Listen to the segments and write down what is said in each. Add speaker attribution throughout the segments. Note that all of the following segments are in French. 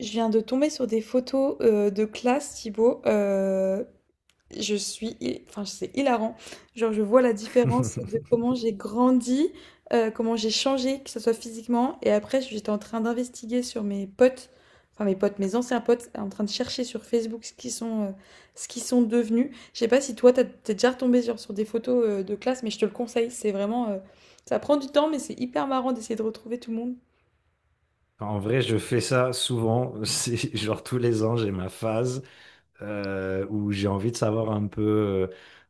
Speaker 1: Je viens de tomber sur des photos de classe, Thibaut. Enfin, c'est hilarant. Genre, je vois la différence de comment j'ai grandi, comment j'ai changé, que ce soit physiquement. Et après, j'étais en train d'investiguer sur mes potes, enfin mes potes, mes anciens potes, en train de chercher sur Facebook ce qu'ils sont devenus. Je sais pas si toi, t'es déjà retombé sur des photos de classe, mais je te le conseille. C'est vraiment, ça prend du temps, mais c'est hyper marrant d'essayer de retrouver tout le monde.
Speaker 2: En vrai, je fais ça souvent. C'est genre tous les ans, j'ai ma phase où j'ai envie de savoir un peu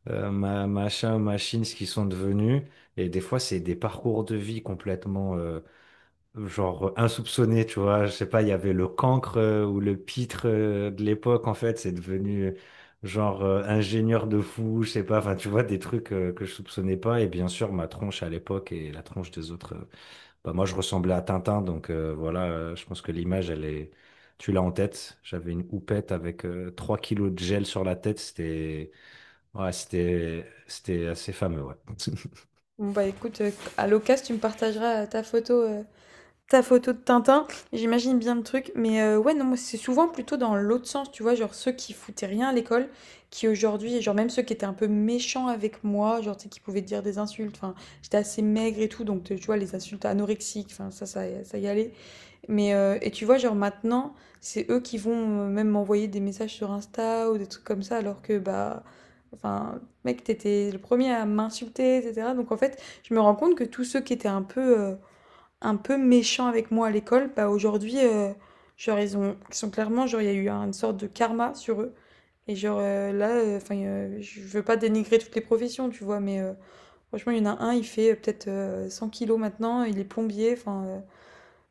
Speaker 2: ma machine, ce qu'ils sont devenus. Et des fois, c'est des parcours de vie complètement genre insoupçonnés, tu vois. Je sais pas, il y avait le cancre ou le pitre de l'époque, en fait, c'est devenu genre ingénieur de fou, je sais pas. Enfin, tu vois, des trucs que je soupçonnais pas. Et bien sûr, ma tronche à l'époque et la tronche des autres. Bah, moi, je ressemblais à Tintin, donc voilà, je pense que l'image, elle est. Tu l'as en tête. J'avais une houppette avec 3 kilos de gel sur la tête. C'était, ouais, c'était assez fameux, ouais.
Speaker 1: Bon bah écoute, à l'occasion, tu me partageras ta photo de Tintin. J'imagine bien le truc, mais ouais, non, moi c'est souvent plutôt dans l'autre sens, tu vois, genre ceux qui foutaient rien à l'école, qui aujourd'hui, genre même ceux qui étaient un peu méchants avec moi, genre tu sais, qui pouvaient te dire des insultes. Enfin, j'étais assez maigre et tout, donc tu vois les insultes anorexiques, enfin ça y allait. Mais et tu vois, genre maintenant, c'est eux qui vont même m'envoyer des messages sur Insta ou des trucs comme ça, alors que bah, enfin, mec, t'étais le premier à m'insulter, etc. Donc en fait, je me rends compte que tous ceux qui étaient un peu méchants avec moi à l'école, bah aujourd'hui, genre ils sont clairement, genre il y a eu une sorte de karma sur eux. Je veux pas dénigrer toutes les professions, tu vois, mais franchement, il y en a un, il fait peut-être 100 kilos maintenant, il est plombier, enfin.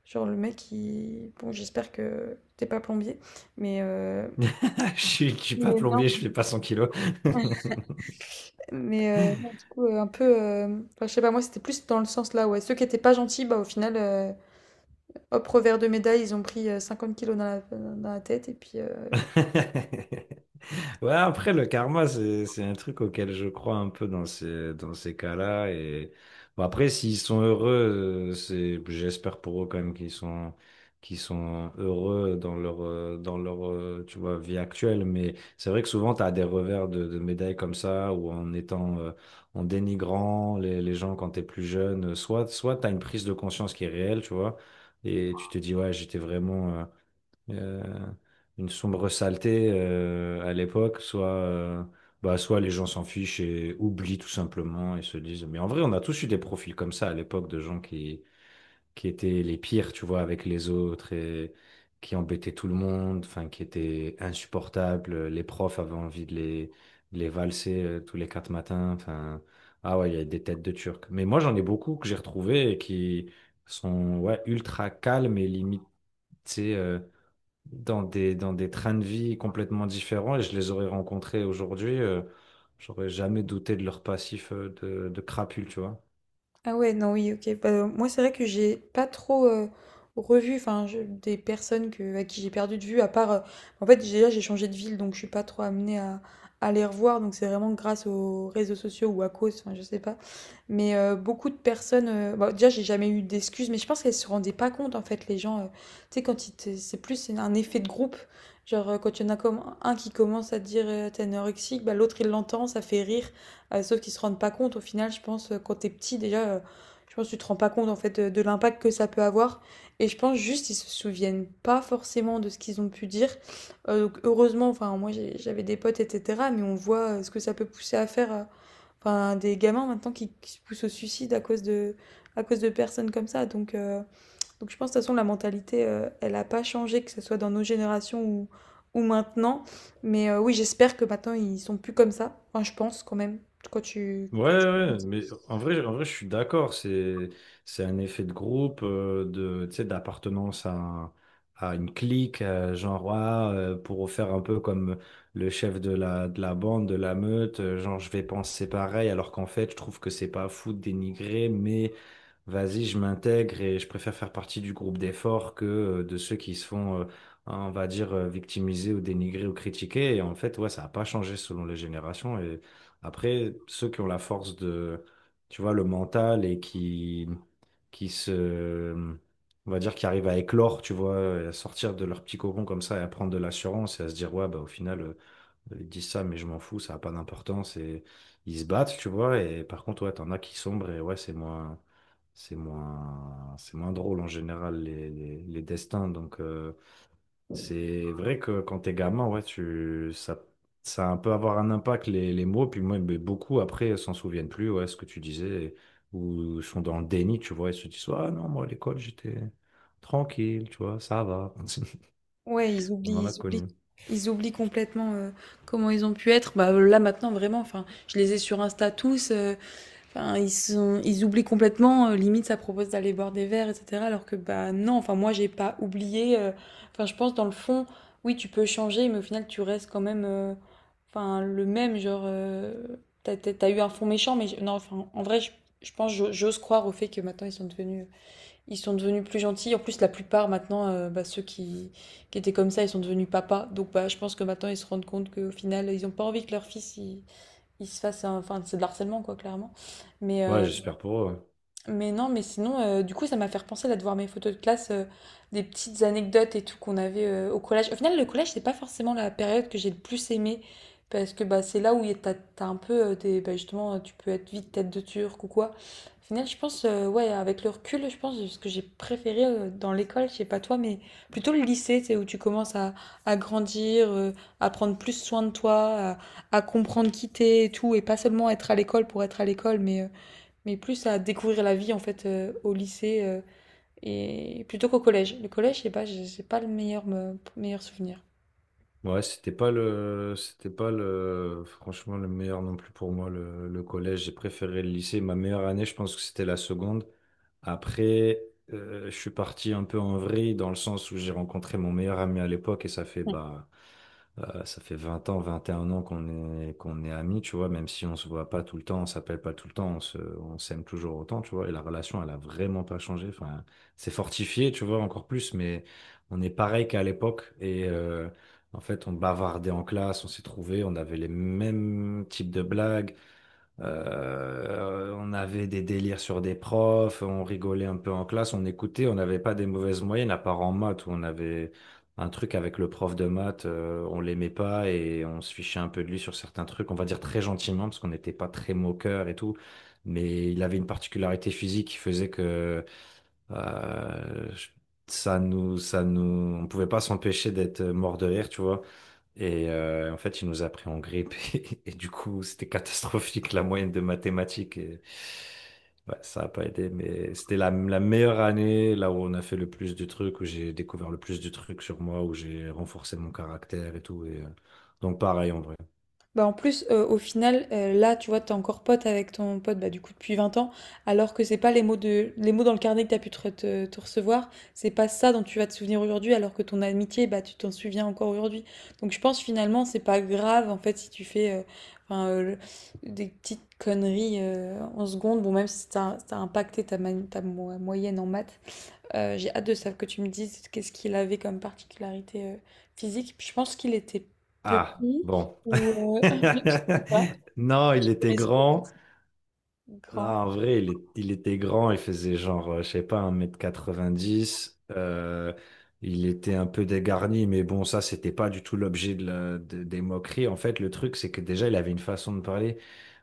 Speaker 1: Genre le mec, il... Bon, j'espère que t'es pas plombier, mais, euh,
Speaker 2: Je suis pas
Speaker 1: Mais non.
Speaker 2: plombier, je fais pas 100 kilos.
Speaker 1: Non, du coup, un peu... Enfin, je sais pas, moi, c'était plus dans le sens là, ouais. Ceux qui étaient pas gentils, bah au final, hop, revers de médaille, ils ont pris 50 kilos dans la tête, et puis...
Speaker 2: Ouais, après, le karma, c'est un truc auquel je crois un peu dans ces cas-là. Et bon, après, s'ils sont heureux, j'espère pour eux quand même qu'ils sont heureux dans leur, tu vois, vie actuelle. Mais c'est vrai que souvent, tu as des revers de médailles comme ça, où en étant, en dénigrant les gens quand t'es plus jeune. Soit t'as une prise de conscience qui est réelle, tu vois, et tu te dis, ouais, j'étais vraiment, euh, une sombre saleté à l'époque, soit, bah, soit les gens s'en fichent et oublient tout simplement et se disent, mais en vrai, on a tous eu des profils comme ça à l'époque de gens qui étaient les pires, tu vois, avec les autres et qui embêtaient tout le monde, enfin, qui étaient insupportables. Les profs avaient envie de les valser tous les quatre matins. Enfin, ah ouais, il y a des têtes de Turcs. Mais moi, j'en ai beaucoup que j'ai retrouvés et qui sont, ouais, ultra calmes et limite, tu sais, dans des trains de vie complètement différents et je les aurais rencontrés aujourd'hui, j'aurais jamais douté de leur passif de crapule, tu vois.
Speaker 1: Ah ouais, non, oui, ok. Bah, moi, c'est vrai que j'ai pas trop revu enfin, des personnes que, à qui j'ai perdu de vue, à part... En fait, déjà, j'ai changé de ville, donc je suis pas trop amenée à les revoir. Donc, c'est vraiment grâce aux réseaux sociaux ou à cause, enfin, je sais pas. Mais beaucoup de personnes... bah, déjà, j'ai jamais eu d'excuses, mais je pense qu'elles se rendaient pas compte, en fait, les gens. Tu sais, quand c'est plus un effet de groupe. Genre, quand il y en a comme un qui commence à dire t'es anorexique, bah, l'autre, il l'entend, ça fait rire. Sauf qu'ils se rendent pas compte au final, je pense, quand t'es petit déjà, je pense que tu te rends pas compte en fait de l'impact que ça peut avoir. Et je pense juste ils se souviennent pas forcément de ce qu'ils ont pu dire. Donc heureusement, enfin j'avais des potes, etc. Mais on voit ce que ça peut pousser à faire, enfin des gamins maintenant qui se poussent au suicide à cause de personnes comme ça. Donc je pense de toute façon la mentalité, elle n'a pas changé, que ce soit dans nos générations ou maintenant. Mais oui, j'espère que maintenant ils sont plus comme ça. Enfin, je pense quand même. Quand tu...
Speaker 2: Ouais,
Speaker 1: quand-
Speaker 2: ouais, mais en vrai, je suis d'accord. C'est un effet de groupe, de, tu sais, d'appartenance à une clique, genre, ouais, pour faire un peu comme le chef de la bande, de la meute, genre, je vais penser pareil, alors qu'en fait, je trouve que c'est pas fou de dénigrer, mais vas-y, je m'intègre et je préfère faire partie du groupe d'efforts que de ceux qui se font, on va dire, victimiser ou dénigrer ou critiquer. Et en fait, ouais, ça n'a pas changé selon les générations. Et après, ceux qui ont la force de, tu vois, le mental et qui on va dire, qui arrivent à éclore, tu vois, et à sortir de leur petit cocon comme ça et à prendre de l'assurance et à se dire, ouais, bah, au final, ils disent ça, mais je m'en fous, ça n'a pas d'importance. Et ils se battent, tu vois. Et par contre, ouais, t'en as qui sombrent et, ouais, C'est moins, C'est moins drôle en général, les, les destins. Donc, c'est vrai que quand t'es gamin, ouais, ça a un peu avoir un impact, les mots. Puis moi, mais beaucoup après s'en souviennent plus, ouais, ce que tu disais, ou sont dans le déni, tu vois, ils se disent, ah non, moi, à l'école, j'étais tranquille, tu vois, ça va.
Speaker 1: Ouais, ils
Speaker 2: On
Speaker 1: oublient,
Speaker 2: en a
Speaker 1: ils oublient,
Speaker 2: connu.
Speaker 1: ils oublient complètement comment ils ont pu être. Bah, là maintenant vraiment, enfin, je les ai sur Insta tous. Enfin, ils oublient complètement. Limite, ça propose d'aller boire des verres, etc. Alors que bah non. Enfin, moi, j'ai pas oublié. Enfin, je pense dans le fond, oui, tu peux changer, mais au final, tu restes quand même, enfin, le même. Genre, t'as eu un fond méchant, mais non. Enfin, en vrai, je pense, j'ose croire au fait que maintenant ils sont devenus plus gentils. En plus, la plupart maintenant, bah, ceux qui étaient comme ça, ils sont devenus papas. Donc, bah, je pense que maintenant, ils se rendent compte qu'au final, ils ont pas envie que leur fils, il se fasse enfin c'est de l'harcèlement quoi clairement mais
Speaker 2: Ouais,
Speaker 1: euh,
Speaker 2: j'espère pour eux. Ouais.
Speaker 1: mais non, mais sinon, du coup, ça m'a fait repenser là de voir mes photos de classe, des petites anecdotes et tout qu'on avait au collège. Au final, le collège, c'est pas forcément la période que j'ai le plus aimée, parce que bah, c'est là où t'as un peu des. Bah, justement, tu peux être vite tête de turc ou quoi. Au final, je pense, ouais, avec le recul, je pense que ce que j'ai préféré dans l'école, je sais pas toi, mais plutôt le lycée, c'est où tu commences à grandir, à prendre plus soin de toi, à comprendre qui t'es et tout, et pas seulement être à l'école pour être à l'école, mais. Mais plus à découvrir la vie en fait au lycée et plutôt qu'au collège. Le collège, je sais pas, j'ai pas le meilleur meilleur souvenir.
Speaker 2: Ouais, c'était pas le, franchement, le meilleur non plus pour moi, le collège. J'ai préféré le lycée. Ma meilleure année, je pense que c'était la seconde. Après, je suis parti un peu en vrille dans le sens où j'ai rencontré mon meilleur ami à l'époque et ça fait 20 ans, 21 ans qu'on est amis, tu vois, même si on se voit pas tout le temps, on s'appelle pas tout le temps, on s'aime toujours autant, tu vois, et la relation, elle a vraiment pas changé. Enfin, c'est fortifié, tu vois, encore plus, mais on est pareil qu'à l'époque et, en fait, on bavardait en classe, on s'est trouvés, on avait les mêmes types de blagues, on avait des délires sur des profs, on rigolait un peu en classe, on écoutait, on n'avait pas des mauvaises moyennes, à part en maths, où on avait un truc avec le prof de maths, on l'aimait pas et on se fichait un peu de lui sur certains trucs, on va dire très gentiment, parce qu'on n'était pas très moqueur et tout, mais il avait une particularité physique qui faisait que euh, je- ça nous, on pouvait pas s'empêcher d'être mort de rire, tu vois. Et en fait, il nous a pris en grippe et, du coup, c'était catastrophique la moyenne de mathématiques. Et, ouais, ça n'a pas aidé, mais c'était la meilleure année, là où on a fait le plus de trucs, où j'ai découvert le plus de trucs sur moi, où j'ai renforcé mon caractère et tout. Et, donc pareil en vrai.
Speaker 1: Bah en plus au final là tu vois t'es encore pote avec ton pote bah du coup depuis 20 ans, alors que c'est pas les mots dans le carnet que t'as pu te recevoir, c'est pas ça dont tu vas te souvenir aujourd'hui, alors que ton amitié bah tu t'en souviens encore aujourd'hui. Donc je pense finalement c'est pas grave en fait si tu fais enfin, des petites conneries en secondes, bon même si ça a impacté ta moyenne en maths. J'ai hâte de savoir que tu me dises qu'est-ce qu'il avait comme particularité physique. Puis je pense qu'il était petit
Speaker 2: Ah, bon.
Speaker 1: ou je sais pas,
Speaker 2: Non, il était
Speaker 1: mais c'était
Speaker 2: grand.
Speaker 1: petit,
Speaker 2: Non,
Speaker 1: grand.
Speaker 2: en vrai, il était grand, il faisait genre, je sais pas, 1,90 m. Il était un peu dégarni, mais bon, ça, c'était pas du tout l'objet de des moqueries. En fait, le truc, c'est que déjà, il avait une façon de parler.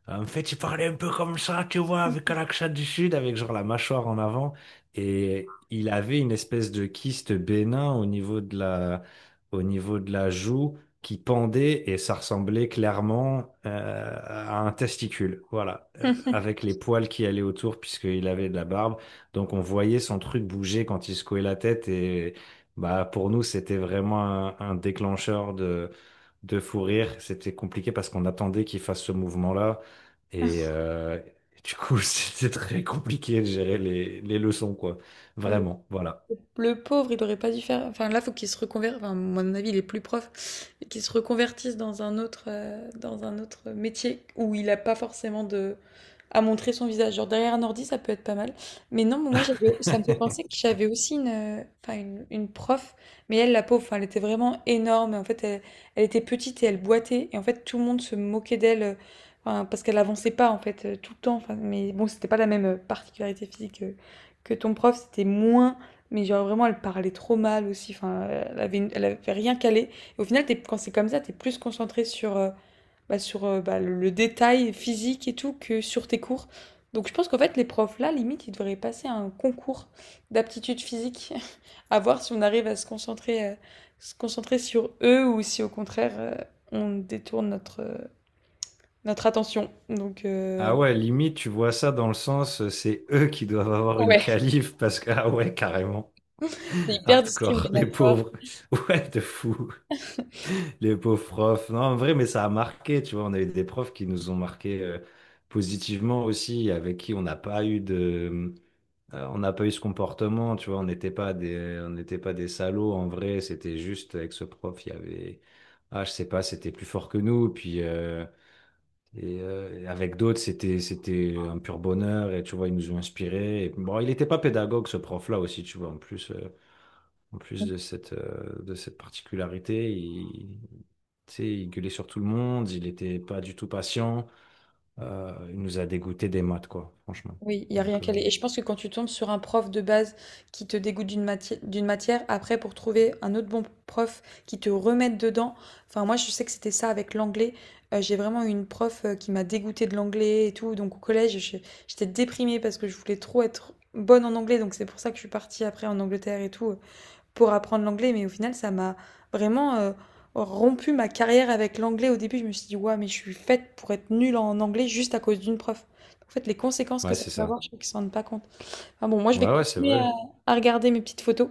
Speaker 2: En fait, il parlait un peu comme ça, tu vois, avec un accent du sud, avec genre la mâchoire en avant. Et il avait une espèce de kyste bénin au niveau de la joue qui pendait et ça ressemblait clairement à un testicule. Voilà. Avec les poils qui allaient autour puisqu'il avait de la barbe. Donc on voyait son truc bouger quand il secouait la tête et bah pour nous, c'était vraiment un déclencheur de fou rire. C'était compliqué parce qu'on attendait qu'il fasse ce mouvement-là. Et du coup, c'était très compliqué de gérer les leçons, quoi. Vraiment, voilà.
Speaker 1: Le pauvre, il aurait pas dû faire. Enfin, là, faut qu'il se reconvertisse. Enfin, à mon avis, il est plus prof. Et qu'il se reconvertisse dans un autre, métier où il a pas forcément de à montrer son visage. Genre derrière un ordi, ça peut être pas mal. Mais non, moi, j'avais, ça me fait penser que j'avais aussi une prof, mais elle, la pauvre, enfin, elle était vraiment énorme. En fait, elle était petite et elle boitait. Et en fait, tout le monde se moquait d'elle, enfin, parce qu'elle avançait pas, en fait, tout le temps. Enfin, mais bon, c'était pas la même particularité physique que ton prof. C'était moins, mais genre vraiment, elle parlait trop mal aussi. Enfin, elle avait rien calé. Et au final, quand c'est comme ça, t'es plus concentré sur, bah, sur bah, le détail physique et tout que sur tes cours. Donc je pense qu'en fait, les profs là, limite, ils devraient passer un concours d'aptitude physique à voir si on arrive à se concentrer, sur eux ou si au contraire, on détourne notre attention.
Speaker 2: Ah ouais, limite, tu vois ça dans le sens, c'est eux qui doivent avoir une
Speaker 1: Ouais.
Speaker 2: calife parce que, ah ouais, carrément,
Speaker 1: C'est hyper
Speaker 2: hardcore, les
Speaker 1: discriminatoire.
Speaker 2: pauvres, ouais, de fou, les pauvres profs. Non, en vrai, mais ça a marqué, tu vois, on a eu des profs qui nous ont marqué positivement aussi, avec qui on n'a pas eu on n'a pas eu ce comportement, tu vois, on n'était pas des salauds en vrai, c'était juste avec ce prof, il y avait, ah, je sais pas, c'était plus fort que nous, puis et avec d'autres, c'était un pur bonheur, et tu vois, ils nous ont inspirés. Et bon, il n'était pas pédagogue, ce prof-là aussi, tu vois, en plus de cette particularité, il, tu sais, il gueulait sur tout le monde, il n'était pas du tout patient, il nous a dégoûté des maths, quoi, franchement.
Speaker 1: Oui, il y a rien
Speaker 2: Donc,
Speaker 1: qu'à aller. Et je pense que quand tu tombes sur un prof de base qui te dégoûte d'une matière, après pour trouver un autre bon prof qui te remette dedans. Enfin, moi, je sais que c'était ça avec l'anglais. J'ai vraiment eu une prof qui m'a dégoûtée de l'anglais et tout. Donc au collège, j'étais déprimée parce que je voulais trop être bonne en anglais. Donc c'est pour ça que je suis partie après en Angleterre et tout pour apprendre l'anglais, mais au final, ça m'a vraiment rompu ma carrière avec l'anglais. Au début, je me suis dit, ouais, mais je suis faite pour être nulle en anglais juste à cause d'une prof. En fait, les conséquences que
Speaker 2: ouais,
Speaker 1: ça
Speaker 2: c'est
Speaker 1: peut avoir,
Speaker 2: ça.
Speaker 1: je crois qu'ils ne s'en rendent pas compte. Enfin bon, moi, je
Speaker 2: Ouais,
Speaker 1: vais
Speaker 2: ouais, c'est
Speaker 1: continuer
Speaker 2: vrai.
Speaker 1: à regarder mes petites photos.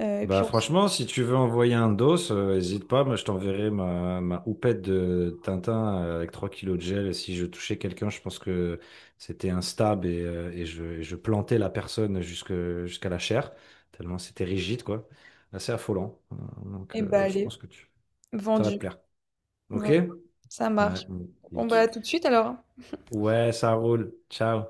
Speaker 1: Et
Speaker 2: Bah
Speaker 1: puis, on se...
Speaker 2: franchement, si tu veux envoyer un dos, n'hésite pas, moi je t'enverrai ma houppette de Tintin avec 3 kilos de gel. Et si je touchais quelqu'un, je pense que c'était un stab et je plantais la personne jusqu'à la chair, tellement c'était rigide, quoi. Assez affolant. Euh, Donc
Speaker 1: Eh bah,
Speaker 2: euh, je
Speaker 1: allez,
Speaker 2: pense que tu. Ça va te
Speaker 1: vendu,
Speaker 2: plaire. Ok?
Speaker 1: vendu. Ça marche. On va
Speaker 2: Magnifique.
Speaker 1: tout de suite alors.
Speaker 2: Ouais, ça roule. Ciao.